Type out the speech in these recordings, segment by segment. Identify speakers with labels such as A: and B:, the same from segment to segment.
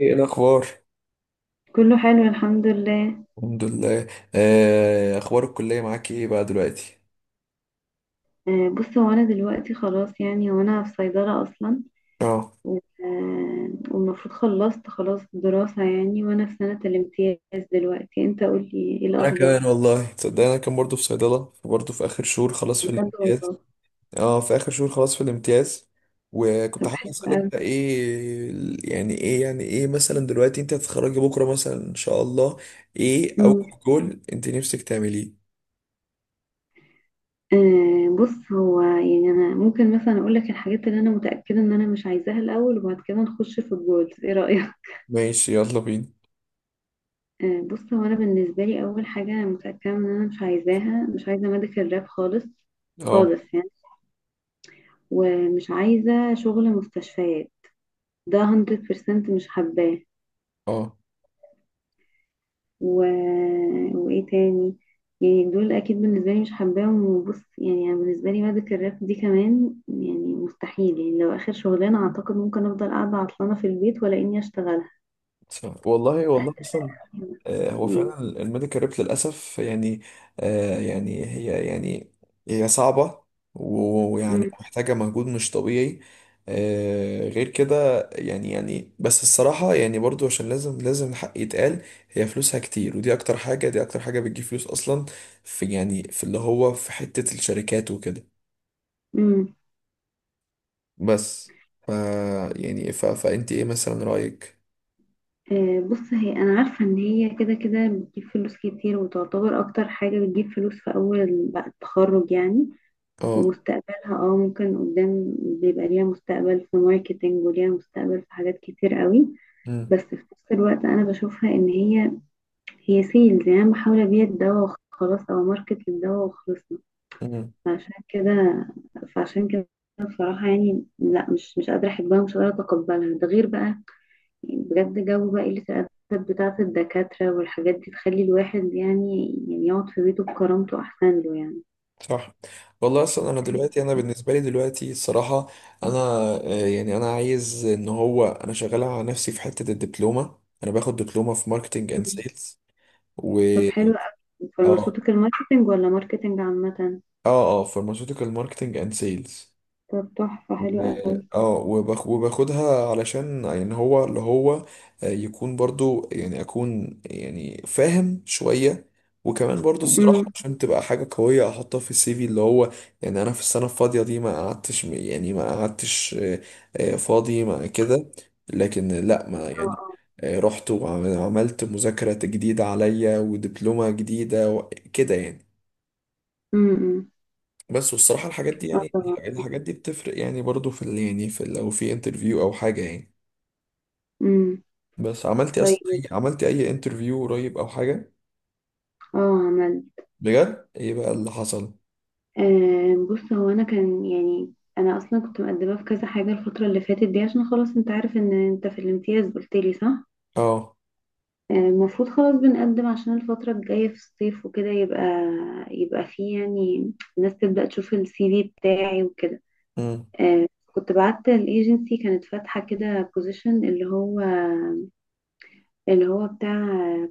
A: ايه الاخبار؟
B: كله حلو الحمد لله.
A: الحمد لله. اخبار الكليه معاك ايه بقى دلوقتي؟
B: بص هو انا دلوقتي خلاص يعني وانا في صيدلة اصلا.
A: اه،
B: والمفروض خلصت خلاص الدراسة يعني وانا في سنة الامتياز. دلوقتي انت قولي ايه
A: انا كمان
B: الاخبار.
A: والله تصدق انا كان برضو في صيدله، برضو في اخر شهور خلاص في
B: بجد
A: الامتياز.
B: والله.
A: اه في اخر شهور خلاص في الامتياز. وكنت
B: طب
A: حابب
B: حلو
A: اسالك
B: قوي.
A: بقى ايه يعني ايه يعني ايه مثلا دلوقتي، انت هتتخرجي بكره مثلا ان شاء الله؟ ايه اول
B: مم.
A: جول انت نفسك تعمليه؟
B: بص هو يعني انا ممكن مثلا اقول لك الحاجات اللي انا متأكدة ان انا مش عايزاها الاول وبعد كده نخش في الجولز، ايه رأيك؟
A: ماشي، يلا بينا.
B: بص هو انا بالنسبة لي اول حاجة انا متأكدة ان انا مش عايزة ميديكال راب خالص،
A: اه
B: يعني. ومش عايزة شغل مستشفيات، ده 100% مش حباه.
A: اه،
B: و... وإيه تاني؟ يعني دول أكيد بالنسبة لي مش حباهم. وبص يعني أنا بالنسبة لي مادة الراب دي كمان يعني مستحيل، يعني لو آخر شغلانة أعتقد ممكن أفضل قاعدة عطلانة في البيت ولا إني أشتغلها
A: والله والله اصلا. هو
B: يعني.
A: فعلا الميديكال ريب للأسف يعني. يعني هي صعبة. ويعني
B: مم.
A: محتاجة مجهود مش طبيعي. غير كده يعني بس الصراحة يعني برضو عشان لازم الحق يتقال. هي فلوسها كتير، ودي أكتر حاجة بتجيب فلوس أصلا، في اللي هو في حتة الشركات وكده.
B: مم.
A: بس ف يعني ف فأنت إيه مثلا رأيك؟
B: بص هي انا عارفه ان هي كده كده بتجيب فلوس كتير وتعتبر اكتر حاجه بتجيب فلوس في اول بعد التخرج يعني،
A: اه.
B: ومستقبلها اه ممكن قدام بيبقى ليها مستقبل في ماركتينج وليها مستقبل في حاجات كتير قوي.
A: مم.
B: بس في نفس الوقت انا بشوفها ان هي سيلز، يعني انا بحاول ابيع الدواء وخلاص او ماركت للدواء وخلصنا. فعشان كده فعشان كده بصراحة يعني لا، مش قادرة أحبها ومش قادرة أتقبلها. ده غير بقى يعني بجد جو بقى قلة الأدب بتاعة الدكاترة والحاجات دي تخلي الواحد يعني يقعد في بيته بكرامته أحسن له يعني.
A: صح. والله اصلا انا دلوقتي، انا بالنسبه لي دلوقتي الصراحه، انا آه، يعني انا عايز ان هو انا شغال على نفسي في حته الدبلومه. انا باخد دبلومه في ماركتنج اند سيلز. و
B: طب حلو قوي،
A: اه
B: فارمacيوتيكال ماركتنج ولا ماركتنج عامة؟
A: اه اه، فارماسيوتيكال ماركتنج اند سيلز.
B: طب تحفة حلو قوي.
A: وباخدها علشان يعني هو اللي هو يكون برضو يعني اكون يعني فاهم شوية. وكمان برضو الصراحة
B: امم.
A: عشان تبقى حاجة قوية احطها في السي في اللي هو، يعني انا في السنة الفاضية دي ما قعدتش فاضي ما كده، لكن لا ما
B: اه
A: يعني.
B: اه.
A: رحت وعملت مذاكرة جديدة عليا ودبلومة جديدة وكده يعني.
B: امم.
A: بس والصراحة الحاجات دي
B: اه
A: يعني
B: طبعا.
A: الحاجات دي بتفرق يعني برضو في يعني في لو في انترفيو او حاجة يعني.
B: امم.
A: بس عملتي اصلا
B: طيب.
A: أي- عملتي اي انترفيو قريب او حاجة؟
B: اه عملت.
A: بجد ايه بقى اللي حصل؟
B: آه، بص هو انا كان يعني انا اصلا كنت مقدمة في كذا حاجة الفترة اللي فاتت دي، عشان خلاص انت عارف ان انت في الامتياز، قلت لي صح؟
A: اه.
B: المفروض خلاص بنقدم عشان الفترة الجاية في الصيف وكده، يبقى فيه يعني الناس تبدأ تشوف السي في بتاعي وكده.
A: امم.
B: آه، كنت بعت الايجنسي، كانت فاتحة كده بوزيشن اللي هو بتاع،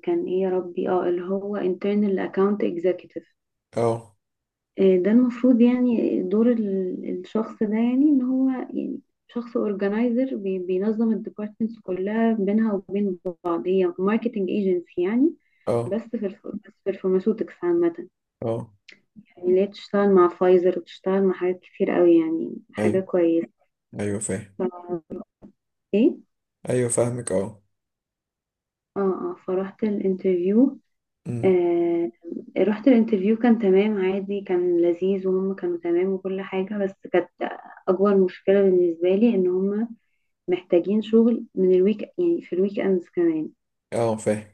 B: كان ايه يا ربي اه اللي هو internal account executive.
A: اه
B: ده المفروض يعني دور الشخص ده، يعني ان هو يعني شخص اورجنايزر بينظم الديبارتمنتس كلها بينها وبين بعض. هي ماركتنج ايجنسي يعني،
A: اه
B: بس بس في الفارماسيوتكس عامة
A: اه.
B: يعني، اللي هي بتشتغل مع فايزر وبتشتغل مع حاجات كتير قوي، يعني حاجة
A: ايوه
B: كويسة.
A: ايوه، فاهم.
B: ف- ايه.
A: ايوه فاهمك، اه.
B: اه فروحت الانترفيو.
A: امم.
B: آه، رحت الانترفيو كان تمام عادي، كان لذيذ وهم كانوا تمام وكل حاجة، بس كانت أكبر مشكلة بالنسبة لي إن هم محتاجين شغل من الويك، يعني في الويك أندز كمان.
A: اه، فاهم.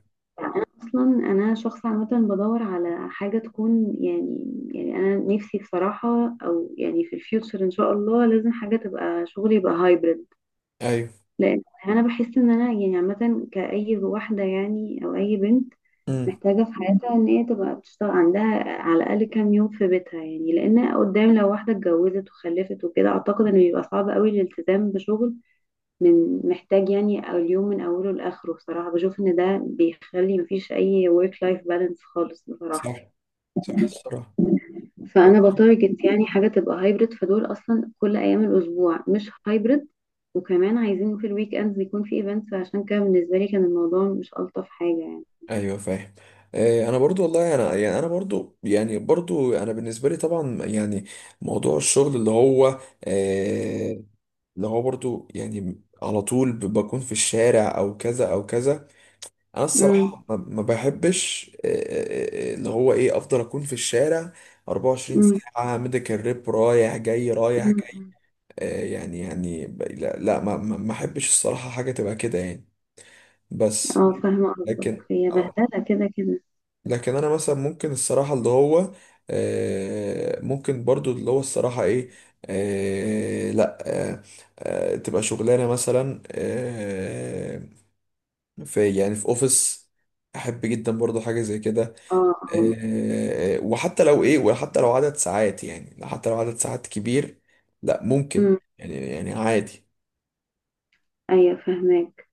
B: أصلا أنا شخص عامة بدور على حاجة تكون أنا نفسي بصراحة، أو يعني في الفيوتشر إن شاء الله، لازم حاجة تبقى شغلي يبقى هايبرد.
A: ايوه.
B: لأن أنا بحس إن أنا يعني عامة كأي واحدة يعني أو أي بنت
A: امم.
B: محتاجة في حياتها ان هي تبقى بتشتغل عندها على الأقل كام يوم في بيتها، يعني لأن قدام لو واحدة اتجوزت وخلفت وكده أعتقد انه بيبقى صعب قوي الالتزام بشغل من محتاج يعني أو اليوم من أوله لآخره. بصراحة بشوف ان ده بيخلي مفيش أي work life balance خالص
A: صح
B: بصراحة.
A: صح، الصراحة.
B: فأنا
A: وضح.
B: بتارجت يعني حاجة تبقى هايبرد، فدول أصلا كل أيام الأسبوع مش هايبرد وكمان عايزين في الويك اندز يكون في ايفنتس، عشان كده بالنسبة لي كان الموضوع مش ألطف حاجة يعني.
A: ايوه فاهم. انا برضو والله، انا يعني انا بالنسبه لي طبعا يعني موضوع الشغل اللي هو، آه، اللي هو برضو يعني على طول بكون في الشارع او كذا او كذا. انا الصراحة ما بحبش اللي هو ايه، افضل اكون في الشارع 24 ساعة، ميديكال ريب رايح جاي رايح جاي.
B: امم.
A: يعني لا لا، ما احبش الصراحة حاجة تبقى كده يعني. بس
B: اه فاهمة قصدك،
A: لكن
B: هي
A: آه،
B: بهدلة كده كده.
A: لكن انا مثلا ممكن الصراحه اللي هو، ممكن برضو اللي هو الصراحه ايه، لا، آه، تبقى شغلانه مثلا في اوفيس، احب جدا برضو حاجه زي كده.
B: اه اه.
A: وحتى لو ايه، وحتى لو عدد ساعات، يعني حتى لو عدد ساعات كبير لا ممكن،
B: أمم.
A: يعني يعني عادي.
B: ايوه فاهماك.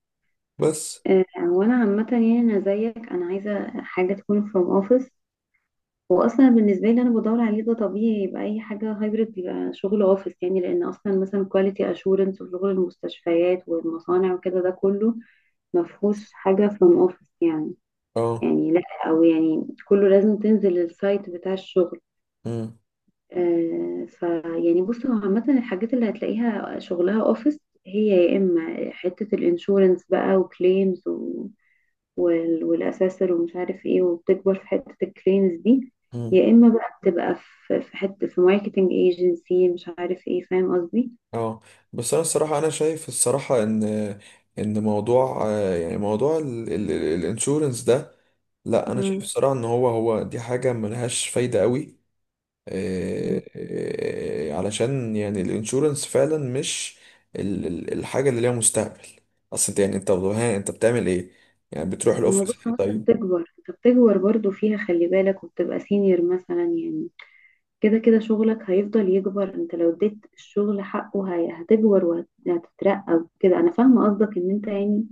A: بس
B: آه، وانا عامة يعني انا زيك انا عايزة حاجة تكون from office. واصلا بالنسبة لي انا بدور عليه، ده طبيعي يبقى اي حاجة hybrid يبقى شغل office، يعني لان اصلا مثلا quality assurance وشغل المستشفيات والمصانع وكده ده كله مفهوش حاجة from office يعني.
A: اه.
B: يعني لا، او يعني كله لازم تنزل السايت بتاع الشغل.
A: مم،
B: آه، فيعني بص هو عامة الحاجات اللي هتلاقيها شغلها اوفيس، هي يا اما حتة الانشورنس بقى وكليمز والاساسر ومش عارف ايه، وبتكبر في حتة الكليمز دي،
A: مم.
B: يا اما بقى بتبقى في حتة في ماركتنج ايجنسي مش عارف ايه، فاهم قصدي؟
A: اه. بس انا الصراحه انا شايف الصراحه ان موضوع آه، يعني موضوع الانشورنس ده، لا انا شايف
B: مم.
A: الصراحه ان هو دي حاجه ملهاش فايده قوي.
B: مم.
A: علشان يعني الانشورنس فعلا مش الحاجه اللي ليها مستقبل. اصل انت يعني انت بتعمل ايه؟ يعني بتروح
B: ما هو
A: الاوفيس
B: بص هو
A: طيب؟
B: انت بتكبر برضو فيها خلي بالك، وبتبقى سينيور مثلا يعني. كده كده شغلك هيفضل يكبر، انت لو اديت الشغل حقه هتكبر وهتترقى وكده. انا فاهمة قصدك ان انت يعني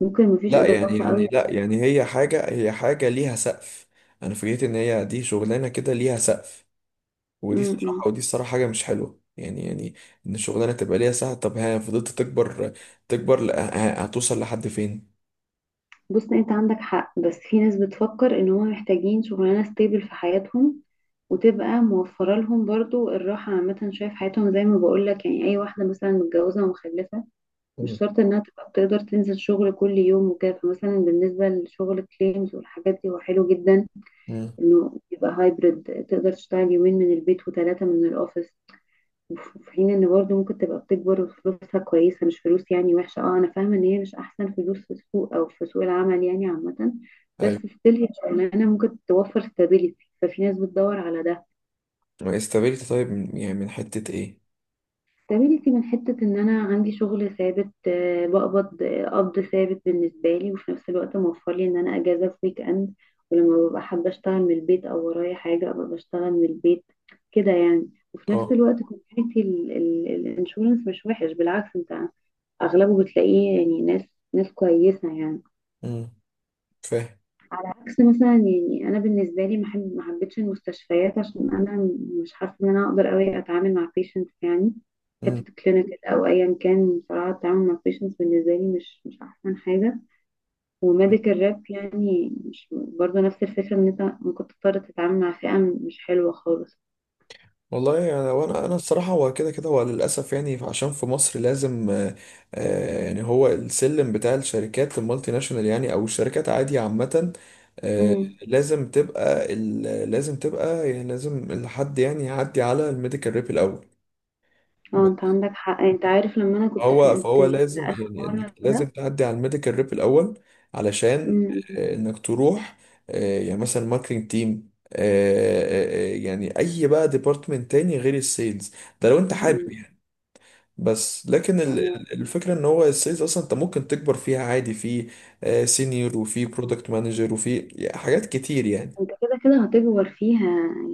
B: ممكن مفيش
A: لا يعني
B: اضافة
A: يعني
B: قوي.
A: لا يعني هي حاجه ليها سقف. انا فكرت ان هي دي شغلانه كده ليها سقف، ودي
B: امم.
A: الصراحة ودي الصراحة حاجة مش حلوة يعني، يعني إن الشغلانة تبقى ليها ساعة. طب ها فضلت تكبر تكبر، هتوصل لحد فين؟
B: بص انت عندك حق، بس في ناس بتفكر ان هم محتاجين شغلانة ستيبل في حياتهم وتبقى موفرة لهم برضو الراحة عامة شوية في حياتهم. زي ما بقولك يعني أي واحدة مثلا متجوزة ومخلفة
A: مم.
B: مش شرط إنها تبقى بتقدر تنزل شغل كل يوم وكده، فمثلا بالنسبة لشغل كليمز والحاجات دي هو حلو جدا
A: مم.
B: انه يبقى هايبرد، تقدر تشتغل يومين من البيت وثلاثة من الاوفيس. وفي حين ان برضه ممكن تبقى بتكبر وفلوسها كويسة، مش فلوس يعني وحشة. اه انا فاهمة ان هي مش احسن فلوس في السوق او في سوق العمل يعني عامة، بس
A: أيوة.
B: ستيل هي شغلانة ممكن توفر ستابيليتي، ففي ناس بتدور على ده.
A: استابيليتي طيب، يعني من حتة إيه؟
B: استميلتي من حتة إن أنا عندي شغل ثابت، بقبض قبض ثابت بالنسبة لي، وفي نفس الوقت موفر لي إن أنا أجازة في ويك إند، ولما ببقى حابة أشتغل من البيت أو ورايا حاجة أبقى بشتغل من البيت كده يعني. وفي نفس
A: أه.
B: الوقت كوميونتي الانشورنس مش وحش بالعكس، أنت أغلبه بتلاقيه يعني ناس كويسة يعني.
A: أمم، فاهم.
B: عكس مثلا يعني انا بالنسبه لي ما حبيتش المستشفيات عشان انا مش حاسه ان انا اقدر قوي اتعامل مع patients يعني، حته الكلينيكال او ايا كان. بصراحه التعامل مع patients بالنسبه لي مش احسن حاجه. وميديكال راب يعني مش برضه نفس الفكره، ان انت ممكن تضطر تتعامل مع فئه مش حلوه خالص.
A: والله يعني، وانا انا انا الصراحه هو كده كده هو للاسف، يعني عشان في مصر لازم يعني هو السلم بتاع الشركات المالتي ناشونال، يعني او الشركات عادي عامه. آه،
B: امم.
A: لازم تبقى يعني، لازم الحد يعني يعدي على الميديكال ريب الاول.
B: اه انت عندك حق، انت عارف لما انا كنت في
A: هو فهو
B: الانترفيو
A: لازم،
B: بتاع اخر
A: يعني انك
B: مره
A: لازم
B: ده.
A: تعدي على الميديكال ريب الاول علشان انك تروح يعني مثلا ماركتنج تيم، يعني اي بقى ديبارتمنت تاني غير السيلز، ده لو انت حابب.
B: امم.
A: بس لكن الفكرة ان هو السيلز اصلا انت ممكن تكبر فيها عادي، في سينيور وفي برودكت مانجر وفي حاجات كتير يعني.
B: انت كده كده هتكبر فيها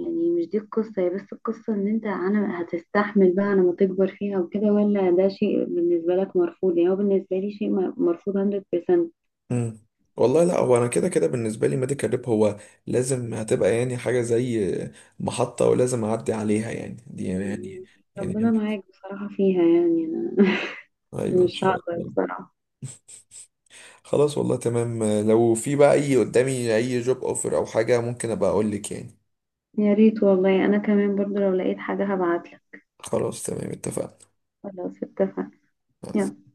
B: يعني، مش دي القصة هي، بس القصة ان انت، انا هتستحمل بقى انا ما تكبر فيها وكده ولا ده شيء بالنسبة لك مرفوض؟ يعني هو بالنسبة لي شيء مرفوض 100%.
A: مم. والله لا، هو انا كده كده بالنسبة لي ميديكال ريب هو لازم هتبقى يعني حاجة زي محطة، ولازم اعدي عليها يعني، دي يعني يعني,
B: ربنا
A: يعني
B: معاك بصراحة فيها، يعني انا
A: ايوه ان
B: مش
A: شاء
B: هقدر
A: الله.
B: بصراحة.
A: خلاص والله تمام، لو في بقى اي قدامي اي جوب اوفر او حاجة ممكن ابقى اقول لك يعني.
B: يا ريت والله، انا كمان برضو لو لقيت حاجة هبعتلك.
A: خلاص تمام اتفقنا.
B: خلاص اتفقنا. يلا.